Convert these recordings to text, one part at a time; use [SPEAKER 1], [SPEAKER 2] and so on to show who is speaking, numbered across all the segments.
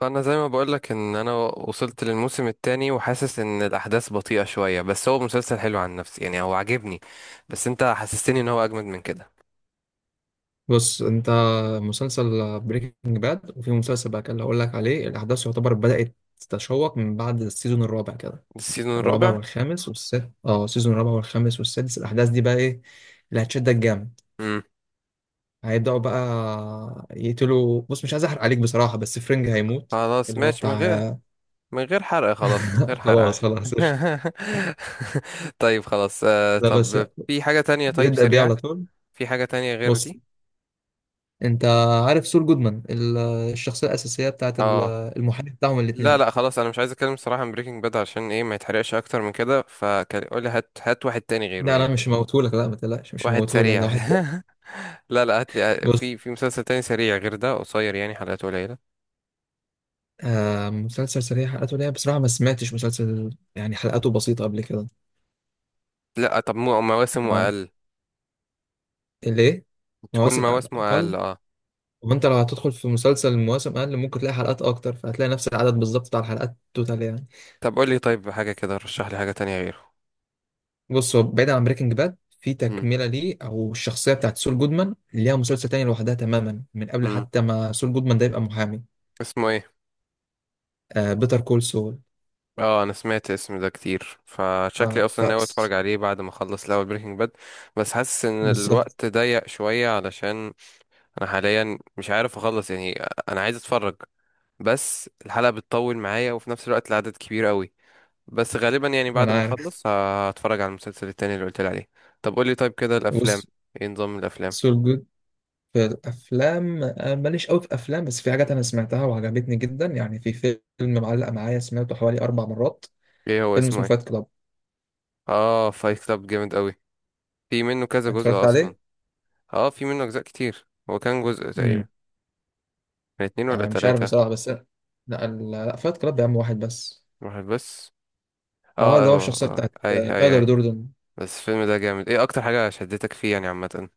[SPEAKER 1] فانا زي ما بقولك ان انا وصلت للموسم الثاني، وحاسس ان الاحداث بطيئة شوية، بس هو مسلسل حلو عن نفسي. يعني هو عاجبني، بس انت حسستني ان هو اجمد من كده.
[SPEAKER 2] بص انت، مسلسل بريكنج باد، وفي مسلسل بقى كان اللي هقول لك عليه الاحداث يعتبر بدأت تتشوق من بعد السيزون الرابع كده.
[SPEAKER 1] السيزون
[SPEAKER 2] الرابع
[SPEAKER 1] الرابع؟
[SPEAKER 2] والخامس والسادس، اه السيزون الرابع والخامس والسادس الاحداث دي بقى ايه اللي هتشدك جامد.
[SPEAKER 1] امم
[SPEAKER 2] هيبدأوا بقى يقتلوا، بص مش عايز احرق عليك بصراحة، بس فرينج هيموت،
[SPEAKER 1] خلاص،
[SPEAKER 2] اللي هو
[SPEAKER 1] ماشي، من غير
[SPEAKER 2] بتاع
[SPEAKER 1] من غير حرق، خلاص، من غير حرق
[SPEAKER 2] خلاص،
[SPEAKER 1] عشان
[SPEAKER 2] خلاص، قشطة.
[SPEAKER 1] طيب، خلاص.
[SPEAKER 2] لا بس
[SPEAKER 1] طب في حاجة تانية؟ طيب،
[SPEAKER 2] بتبدأ بيه على
[SPEAKER 1] سريعة.
[SPEAKER 2] طول.
[SPEAKER 1] في حاجة تانية غير
[SPEAKER 2] بص،
[SPEAKER 1] دي؟
[SPEAKER 2] انت عارف سول جودمان الشخصية الأساسية بتاعت
[SPEAKER 1] اه.
[SPEAKER 2] المحامي بتاعهم
[SPEAKER 1] لا
[SPEAKER 2] الاتنين.
[SPEAKER 1] لا، خلاص، انا مش عايز اتكلم صراحة عن بريكنج باد، عشان ايه ما يتحرقش اكتر من كده. فقول لي، هات هات واحد تاني غيره
[SPEAKER 2] لا لا
[SPEAKER 1] يعني.
[SPEAKER 2] مش موتهولك، لا ما تقلقش مش
[SPEAKER 1] واحد
[SPEAKER 2] موتهولك، ده
[SPEAKER 1] سريع
[SPEAKER 2] واحد تاني.
[SPEAKER 1] لا لا، هات لي.
[SPEAKER 2] بص،
[SPEAKER 1] في مسلسل تاني سريع غير ده؟ قصير يعني، حلقاته قليلة.
[SPEAKER 2] آه مسلسل سريع حلقاته ليه، بصراحة ما سمعتش مسلسل يعني حلقاته بسيطة قبل كده.
[SPEAKER 1] لا، طب مواسمه
[SPEAKER 2] آه،
[SPEAKER 1] أقل.
[SPEAKER 2] ليه؟
[SPEAKER 1] تكون
[SPEAKER 2] مواسم أق-
[SPEAKER 1] مواسمه أقل،
[SPEAKER 2] أقل.
[SPEAKER 1] اه.
[SPEAKER 2] وأنت لو هتدخل في مسلسل مواسم أقل ممكن تلاقي حلقات أكتر، فهتلاقي نفس العدد بالظبط بتاع الحلقات توتال يعني.
[SPEAKER 1] طب قول لي طيب، حاجة كده رشح لي حاجة تانية غيره.
[SPEAKER 2] بص، هو بعيد عن بريكنج باد في
[SPEAKER 1] مم.
[SPEAKER 2] تكملة ليه، أو الشخصية بتاعت سول جودمان ليها مسلسل تاني لوحدها تماما من قبل
[SPEAKER 1] مم.
[SPEAKER 2] حتى ما سول جودمان ده يبقى محامي.
[SPEAKER 1] اسمه ايه؟
[SPEAKER 2] آه، بيتر كول سول.
[SPEAKER 1] اه، انا سمعت اسم ده كتير، فشكلي
[SPEAKER 2] آه ف
[SPEAKER 1] اصلا ناوي اتفرج عليه بعد ما اخلص الاول بريكنج باد. بس حاسس ان
[SPEAKER 2] بالظبط.
[SPEAKER 1] الوقت ضيق شوية، علشان انا حاليا مش عارف اخلص يعني. انا عايز اتفرج، بس الحلقة بتطول معايا، وفي نفس الوقت العدد كبير قوي. بس غالبا يعني
[SPEAKER 2] ما
[SPEAKER 1] بعد
[SPEAKER 2] أنا
[SPEAKER 1] ما
[SPEAKER 2] عارف.
[SPEAKER 1] اخلص هتفرج على المسلسل التاني اللي قلت لي عليه. طب قول لي طيب كده، الافلام،
[SPEAKER 2] بص
[SPEAKER 1] ايه نظام الافلام؟
[SPEAKER 2] سول جود في الافلام آه، ماليش قوي في افلام، بس في حاجات انا سمعتها وعجبتني جدا يعني. في فيلم معلق معايا سمعته حوالي 4 مرات.
[SPEAKER 1] ايه هو
[SPEAKER 2] فيلم
[SPEAKER 1] اسمه
[SPEAKER 2] اسمه فايت
[SPEAKER 1] ايه؟
[SPEAKER 2] كلاب.
[SPEAKER 1] اه، فايت كلاب جامد قوي. في منه كذا جزء
[SPEAKER 2] اتفرجت
[SPEAKER 1] اصلا؟
[SPEAKER 2] عليه.
[SPEAKER 1] اه، في منه اجزاء كتير. هو كان جزء
[SPEAKER 2] امم،
[SPEAKER 1] تقريبا، كان اتنين ولا
[SPEAKER 2] انا مش عارف
[SPEAKER 1] تلاتة؟
[SPEAKER 2] بصراحه بس، لا لا فايت كلاب يا عم واحد بس.
[SPEAKER 1] واحد بس. اه،
[SPEAKER 2] اه، اللي هو
[SPEAKER 1] اه،
[SPEAKER 2] الشخصيه
[SPEAKER 1] آه،
[SPEAKER 2] بتاعت
[SPEAKER 1] آه، اي اي
[SPEAKER 2] تايلر
[SPEAKER 1] اي.
[SPEAKER 2] دوردن.
[SPEAKER 1] بس الفيلم ده جامد. ايه اكتر حاجة شدتك فيه يعني عامة؟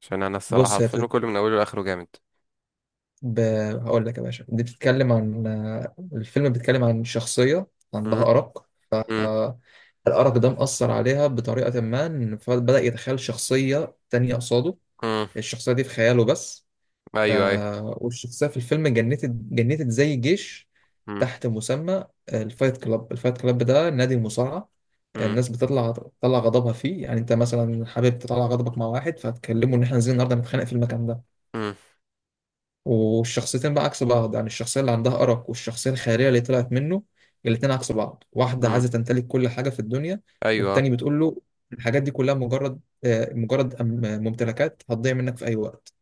[SPEAKER 1] عشان انا الصراحة
[SPEAKER 2] بص هي
[SPEAKER 1] الفيلم
[SPEAKER 2] بتت...
[SPEAKER 1] كله من اوله لاخره جامد.
[SPEAKER 2] ب... هقول لك يا باشا، دي بتتكلم عن آه، الفيلم بيتكلم عن شخصيه عندها
[SPEAKER 1] امم.
[SPEAKER 2] ارق. آه، الارق ده مأثر عليها بطريقه ما، إن فبدأ يتخيل شخصيه تانية قصاده.
[SPEAKER 1] امم.
[SPEAKER 2] الشخصيه دي في خياله بس.
[SPEAKER 1] ايوه، ايوه.
[SPEAKER 2] آه، والشخصية في الفيلم جنتت زي جيش
[SPEAKER 1] امم.
[SPEAKER 2] تحت مسمى الفايت كلاب ده، نادي المصارعة.
[SPEAKER 1] امم.
[SPEAKER 2] الناس بتطلع غضبها فيه، يعني انت مثلا حابب تطلع غضبك مع واحد فهتكلمه ان احنا نازلين النهارده نتخانق في المكان ده. والشخصيتين بقى عكس بعض، يعني الشخصية اللي عندها أرق والشخصية الخيرية اللي طلعت منه، الاتنين عكس بعض. واحدة
[SPEAKER 1] امم.
[SPEAKER 2] عايزة تمتلك كل حاجة في الدنيا،
[SPEAKER 1] ايوه.
[SPEAKER 2] والتاني بتقول له الحاجات دي كلها مجرد ممتلكات هتضيع منك في أي وقت.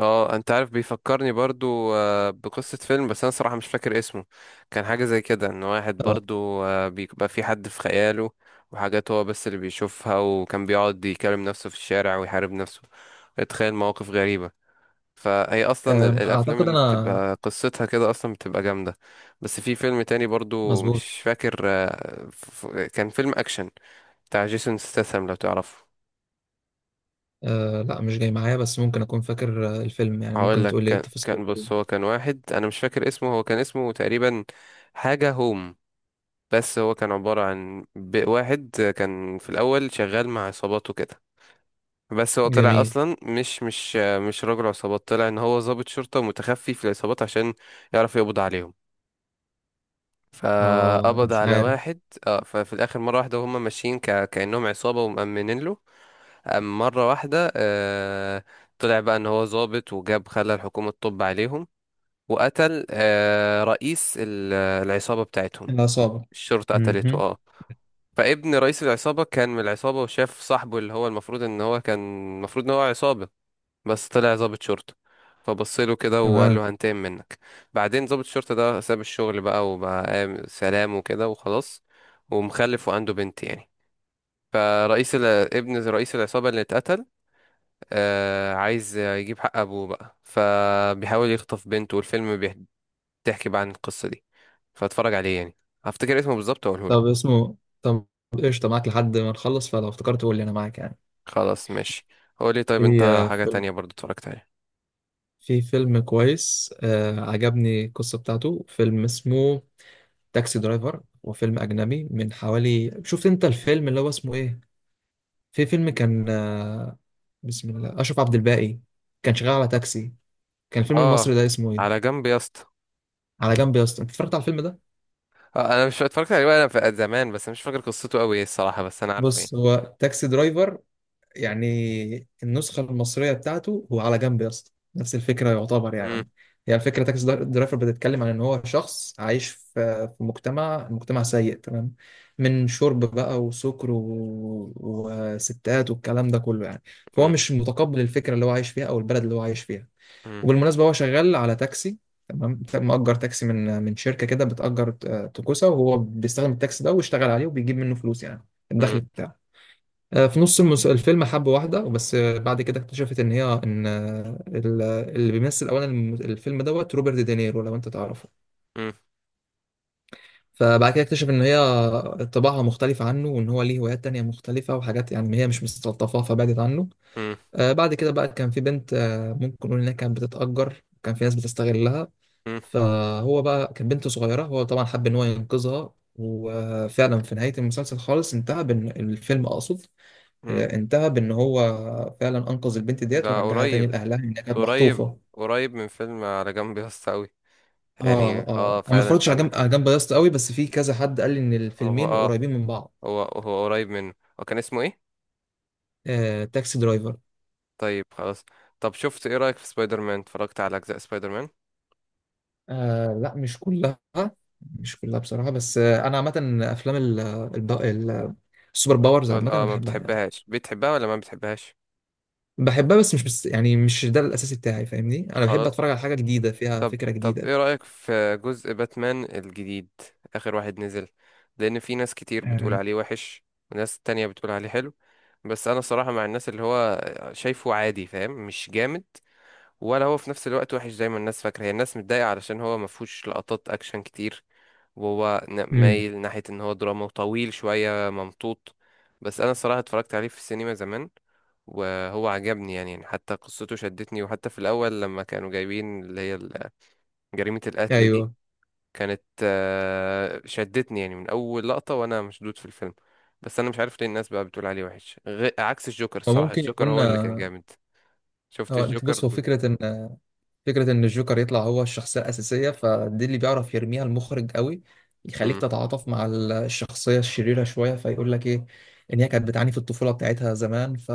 [SPEAKER 1] اه، انت عارف بيفكرني برضو بقصة فيلم، بس انا صراحة مش فاكر اسمه. كان حاجة زي كده، ان واحد
[SPEAKER 2] آه،
[SPEAKER 1] برضو بيبقى في حد في خياله، وحاجات هو بس اللي بيشوفها، وكان بيقعد يكلم نفسه في الشارع ويحارب نفسه، يتخيل مواقف غريبة. فهي اصلا
[SPEAKER 2] آم،
[SPEAKER 1] الافلام
[SPEAKER 2] أعتقد
[SPEAKER 1] اللي
[SPEAKER 2] أنا،
[SPEAKER 1] بتبقى قصتها كده اصلا بتبقى جامدة. بس في فيلم تاني برضو
[SPEAKER 2] مظبوط.
[SPEAKER 1] مش فاكر. كان فيلم اكشن بتاع جيسون ستاثام، لو تعرفه.
[SPEAKER 2] آه لا مش جاي معايا، بس ممكن اكون فاكر الفيلم يعني،
[SPEAKER 1] هقول
[SPEAKER 2] ممكن
[SPEAKER 1] لك.
[SPEAKER 2] تقول لي إيه
[SPEAKER 1] كان
[SPEAKER 2] تفاصيل
[SPEAKER 1] كان بص،
[SPEAKER 2] الفيلم.
[SPEAKER 1] هو كان واحد انا مش فاكر اسمه. هو كان اسمه تقريبا حاجة هوم. بس هو كان عبارة عن واحد كان في الاول شغال مع عصابات وكده. بس هو طلع
[SPEAKER 2] جميل.
[SPEAKER 1] اصلا مش راجل عصابات. طلع ان هو ضابط شرطة متخفي في العصابات، عشان يعرف يقبض عليهم.
[SPEAKER 2] اه
[SPEAKER 1] فقبض
[SPEAKER 2] مش
[SPEAKER 1] على
[SPEAKER 2] عارف.
[SPEAKER 1] واحد، اه. ففي الاخر مرة واحدة، وهم ماشيين كأنهم عصابة ومأمنين له. مرة واحدة طلع بقى ان هو ضابط، وجاب خلى الحكومة تطب عليهم، وقتل رئيس العصابة بتاعتهم.
[SPEAKER 2] العصابة.
[SPEAKER 1] الشرطة قتلته،
[SPEAKER 2] مهم.
[SPEAKER 1] اه. فابن رئيس العصابة كان من العصابة، وشاف صاحبه اللي هو المفروض ان هو كان، المفروض ان هو عصابة، بس طلع ضابط شرطة. فبصله كده وقال
[SPEAKER 2] تمام.
[SPEAKER 1] له هنتقم منك. بعدين ضابط الشرطة ده ساب الشغل بقى، وبقى سلام وكده وخلاص، ومخلف وعنده بنت يعني. فرئيس ال... ابن رئيس العصابة اللي اتقتل عايز يجيب حق أبوه بقى، فبيحاول يخطف بنته. والفيلم بيحكي، تحكي بقى عن القصة دي. فاتفرج عليه يعني. هفتكر اسمه بالظبط واقوله
[SPEAKER 2] طب
[SPEAKER 1] لك.
[SPEAKER 2] اسمه طب قشطة، معاك لحد ما نخلص، فلو افتكرت قول لي انا معاك يعني.
[SPEAKER 1] خلاص ماشي. قول لي طيب،
[SPEAKER 2] في
[SPEAKER 1] انت
[SPEAKER 2] آه،
[SPEAKER 1] حاجة
[SPEAKER 2] فيلم
[SPEAKER 1] تانية برضو اتفرجت عليها؟
[SPEAKER 2] في فيلم كويس آه عجبني القصة بتاعته، فيلم اسمه تاكسي درايفر. وفيلم اجنبي من حوالي، شفت انت الفيلم اللي هو اسمه ايه؟ في فيلم كان آه، بسم الله، اشرف عبد الباقي كان شغال على تاكسي، كان الفيلم
[SPEAKER 1] اه،
[SPEAKER 2] المصري ده اسمه ايه؟
[SPEAKER 1] على جنب يا اسطى.
[SPEAKER 2] على جنب يا اسطى. انت اتفرجت على الفيلم ده؟
[SPEAKER 1] انا مش اتفرجت عليه وانا في زمان، بس مش فاكر قصته قوي الصراحة، بس انا عارفه ايه.
[SPEAKER 2] بص، هو تاكسي درايفر، يعني النسخه المصريه بتاعته هو على جنب يا اسطى، نفس الفكره يعتبر
[SPEAKER 1] مم،
[SPEAKER 2] يعني. هي الفكره، درايفر بتتكلم عن ان هو شخص عايش في مجتمع، سيء تمام، من شرب بقى وسكر و... وستات والكلام ده كله يعني. فهو
[SPEAKER 1] مم،
[SPEAKER 2] مش متقبل الفكره اللي هو عايش فيها او البلد اللي هو عايش فيها.
[SPEAKER 1] مم،
[SPEAKER 2] وبالمناسبه هو شغال على تاكسي، تمام، مأجر تاكسي من شركه كده بتأجر توكوسا، وهو بيستخدم التاكسي ده ويشتغل عليه وبيجيب منه فلوس يعني،
[SPEAKER 1] مم،
[SPEAKER 2] الدخل بتاعه. آه، الفيلم حب واحده وبس. آه، بعد كده اكتشفت ان هي ان اللي بيمثل اولا الفيلم دوت روبرت دينيرو لو انت تعرفه.
[SPEAKER 1] مم،
[SPEAKER 2] فبعد كده اكتشف ان هي طباعها مختلفه عنه، وان هو ليه هوايات تانية مختلفه وحاجات يعني هي مش مستلطفاها، فبعدت عنه.
[SPEAKER 1] مم،
[SPEAKER 2] آه، بعد كده بقى كان في بنت، آه، ممكن نقول انها كانت بتتأجر، كان في ناس بتستغلها.
[SPEAKER 1] مم،
[SPEAKER 2] فهو بقى، كانت بنت صغيرة، هو طبعا حب إن هو ينقذها، وفعلا في نهاية المسلسل خالص انتهى بإن، الفيلم أقصد،
[SPEAKER 1] مم.
[SPEAKER 2] آه، انتهى بإن هو فعلا أنقذ البنت ديت
[SPEAKER 1] ده
[SPEAKER 2] ورجعها تاني
[SPEAKER 1] قريب،
[SPEAKER 2] لأهلها، إنها كانت
[SPEAKER 1] قريب،
[SPEAKER 2] مخطوفة.
[SPEAKER 1] قريب من فيلم على جنب يا اسطى قوي. يعني
[SPEAKER 2] آه
[SPEAKER 1] اه،
[SPEAKER 2] آه، أنا ما
[SPEAKER 1] فعلا انت
[SPEAKER 2] اتفرجتش على
[SPEAKER 1] عندك
[SPEAKER 2] جنب
[SPEAKER 1] حق.
[SPEAKER 2] على جنب ياسط قوي، بس في كذا حد قال لي إن
[SPEAKER 1] هو
[SPEAKER 2] الفيلمين
[SPEAKER 1] اه،
[SPEAKER 2] قريبين من بعض.
[SPEAKER 1] هو هو قريب منه. هو كان اسمه ايه؟
[SPEAKER 2] آه، تاكسي درايفر.
[SPEAKER 1] طيب خلاص. طب شفت، ايه رأيك في سبايدر مان؟ اتفرجت على اجزاء سبايدر مان؟
[SPEAKER 2] آه لا مش كلها، مش كلها بصراحة، بس آه أنا عامة أفلام الب- ال- السوبر باورز
[SPEAKER 1] الابطال
[SPEAKER 2] عامة أنا
[SPEAKER 1] اه، ما
[SPEAKER 2] بحبها يعني.
[SPEAKER 1] بتحبهاش؟ بتحبها ولا ما بتحبهاش؟
[SPEAKER 2] بحبها، بس يعني مش ده الاساسي بتاعي، فاهمني، انا بحب
[SPEAKER 1] خلاص.
[SPEAKER 2] اتفرج على حاجه جديده فيها
[SPEAKER 1] طب،
[SPEAKER 2] فكره
[SPEAKER 1] طب،
[SPEAKER 2] جديده.
[SPEAKER 1] ايه رأيك في جزء باتمان الجديد، اخر واحد نزل؟ لان في ناس كتير بتقول
[SPEAKER 2] آه،
[SPEAKER 1] عليه وحش، وناس تانية بتقول عليه حلو. بس انا صراحة مع الناس اللي هو شايفه عادي، فاهم؟ مش جامد، ولا هو في نفس الوقت وحش زي ما الناس فاكرة. هي الناس متضايقة علشان هو ما فيهوش لقطات اكشن كتير، وهو
[SPEAKER 2] امم.
[SPEAKER 1] مايل ناحية ان هو دراما وطويل شوية ممطوط. بس انا الصراحة اتفرجت عليه في السينما زمان، وهو عجبني يعني حتى قصته شدتني، وحتى في الأول لما كانوا جايبين اللي هي جريمة القتل دي،
[SPEAKER 2] ايوه.
[SPEAKER 1] كانت شدتني يعني من أول لقطة، وأنا مشدود في الفيلم. بس أنا مش عارف ليه الناس بقى بتقول عليه وحش عكس الجوكر. الصراحة
[SPEAKER 2] وممكن
[SPEAKER 1] الجوكر
[SPEAKER 2] يكون
[SPEAKER 1] هو اللي كان جامد. شفت
[SPEAKER 2] هو انت بص
[SPEAKER 1] الجوكر؟
[SPEAKER 2] هو فكره ان، فكرة إن الجوكر يطلع هو الشخصية الأساسية، فدي اللي بيعرف يرميها المخرج قوي، يخليك
[SPEAKER 1] مم.
[SPEAKER 2] تتعاطف مع الشخصية الشريرة شوية، فيقول لك إيه، إن هي كانت بتعاني في الطفولة بتاعتها زمان،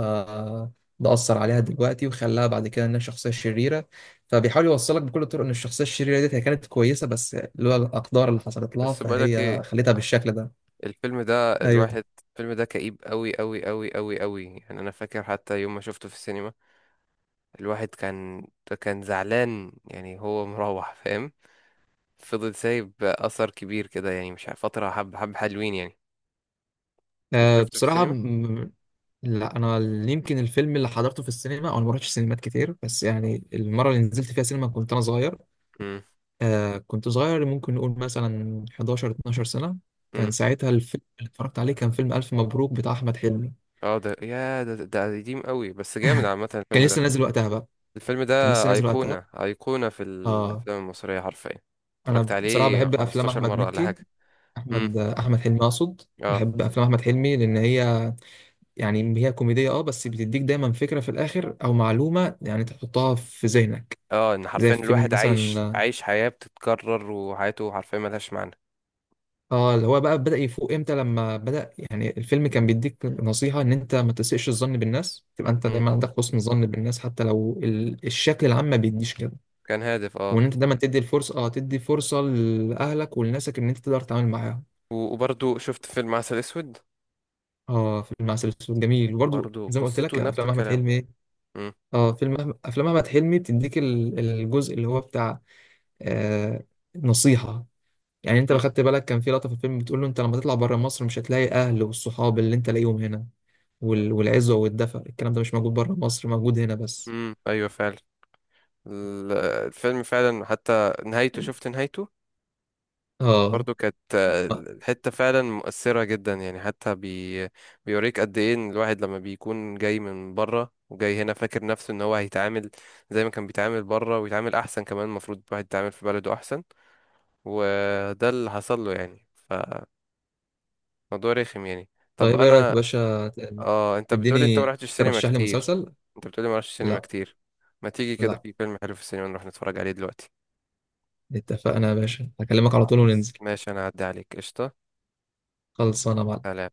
[SPEAKER 2] ده أثر عليها دلوقتي وخلاها بعد كده إنها شخصية شريرة. فبيحاول يوصلك بكل الطرق إن الشخصية الشريرة ديت هي كانت كويسة، بس لولا الأقدار اللي حصلت لها
[SPEAKER 1] بس بقولك
[SPEAKER 2] فهي
[SPEAKER 1] ايه،
[SPEAKER 2] خلتها بالشكل ده.
[SPEAKER 1] الفيلم ده
[SPEAKER 2] أيوه.
[SPEAKER 1] الواحد، الفيلم ده كئيب قوي قوي قوي قوي قوي يعني. انا فاكر حتى يوم ما شفته في السينما، الواحد كان، كان زعلان يعني. هو مروح، فاهم، فضل سايب اثر كبير كده يعني. مش عارف- فتره حب حب حلوين يعني. انت
[SPEAKER 2] أه
[SPEAKER 1] شفته في
[SPEAKER 2] بصراحة
[SPEAKER 1] السينما؟
[SPEAKER 2] م- لا، انا يمكن الفيلم اللي حضرته في السينما، او انا ما رحتش سينمات كتير، بس يعني المره اللي نزلت فيها سينما كنت انا صغير.
[SPEAKER 1] امم.
[SPEAKER 2] آه كنت صغير، ممكن نقول مثلا 11 12 سنة.
[SPEAKER 1] امم.
[SPEAKER 2] كان ساعتها الفيلم اللي اتفرجت عليه كان فيلم ألف مبروك بتاع أحمد حلمي،
[SPEAKER 1] اه، ده يا ده ده قديم قوي، بس جامد عامه
[SPEAKER 2] كان
[SPEAKER 1] الفيلم ده.
[SPEAKER 2] لسه نازل وقتها بقى،
[SPEAKER 1] الفيلم ده
[SPEAKER 2] كان لسه نازل وقتها.
[SPEAKER 1] ايقونه، ايقونه في
[SPEAKER 2] آه،
[SPEAKER 1] الافلام المصريه حرفيا. اتفرجت
[SPEAKER 2] أنا بصراحة
[SPEAKER 1] عليه
[SPEAKER 2] بحب أفلام
[SPEAKER 1] 15
[SPEAKER 2] أحمد
[SPEAKER 1] مره ولا
[SPEAKER 2] مكي
[SPEAKER 1] حاجه.
[SPEAKER 2] أحمد آه، أحمد حلمي أقصد.
[SPEAKER 1] امم.
[SPEAKER 2] بحب أفلام أحمد حلمي لأن هي يعني هي كوميدية أه، بس بتديك دايما فكرة في الآخر أو معلومة يعني تحطها في ذهنك.
[SPEAKER 1] اه، ان
[SPEAKER 2] زي
[SPEAKER 1] حرفيا
[SPEAKER 2] فيلم
[SPEAKER 1] الواحد عايش
[SPEAKER 2] مثلا،
[SPEAKER 1] عايش حياة بتتكرر، وحياته حرفيا ملهاش معنى.
[SPEAKER 2] اه اللي هو بقى بدأ يفوق امتى، لما بدأ يعني الفيلم كان بيديك نصيحة ان انت ما تسيئش الظن بالناس، تبقى انت
[SPEAKER 1] مم.
[SPEAKER 2] دايما عندك حسن ظن بالناس حتى لو الشكل العام ما بيديش كده.
[SPEAKER 1] كان هادف،
[SPEAKER 2] وان
[SPEAKER 1] اه.
[SPEAKER 2] انت دايما تدي الفرصة، اه تدي فرصة لأهلك ولناسك ان انت تقدر تتعامل معاهم.
[SPEAKER 1] وبرضو شفت فيلم عسل اسود؟
[SPEAKER 2] اه فيلم عسل اسود جميل، وبرده
[SPEAKER 1] برضو
[SPEAKER 2] زي ما قلت
[SPEAKER 1] قصته
[SPEAKER 2] لك
[SPEAKER 1] نفس
[SPEAKER 2] افلام احمد
[SPEAKER 1] الكلام.
[SPEAKER 2] حلمي ايه.
[SPEAKER 1] مم.
[SPEAKER 2] افلام احمد حلمي بتديك الجزء اللي هو بتاع آه نصيحة. يعني انت لو
[SPEAKER 1] مم.
[SPEAKER 2] خدت بالك كان في لقطة في الفيلم بتقول له، انت لما تطلع بره مصر مش هتلاقي اهل والصحاب اللي انت لاقيهم هنا، والعزوة والدفء الكلام ده مش موجود بره مصر، موجود هنا بس.
[SPEAKER 1] مم. ايوه، فعلا. ال- الفيلم فعلا حتى نهايته، شفت نهايته؟
[SPEAKER 2] اه.
[SPEAKER 1] برضو كانت الحتة فعلا مؤثرة جدا يعني. حتى بيوريك قد ايه ان الواحد لما بيكون جاي من بره وجاي هنا، فاكر نفسه ان هو هيتعامل زي ما كان بيتعامل بره، ويتعامل احسن كمان. المفروض الواحد يتعامل في بلده احسن، وده اللي حصل له يعني. فموضوع رخم يعني. طب
[SPEAKER 2] طيب ايه رأيك يا
[SPEAKER 1] انا،
[SPEAKER 2] باشا
[SPEAKER 1] اه، انت بتقولي انت ما
[SPEAKER 2] تديني،
[SPEAKER 1] رحتش سينما
[SPEAKER 2] ترشح لي
[SPEAKER 1] كتير؟
[SPEAKER 2] مسلسل.
[SPEAKER 1] انت بتقولي ما رحتش سينما
[SPEAKER 2] لا
[SPEAKER 1] كتير؟ ما تيجي كده
[SPEAKER 2] لا،
[SPEAKER 1] في فيلم حلو في السينما نروح نتفرج عليه دلوقتي؟
[SPEAKER 2] اتفقنا يا باشا هكلمك على طول وننزل.
[SPEAKER 1] خلاص ماشي، انا هعدي عليك. قشطة.
[SPEAKER 2] خلصانه يا معلم.
[SPEAKER 1] سلام.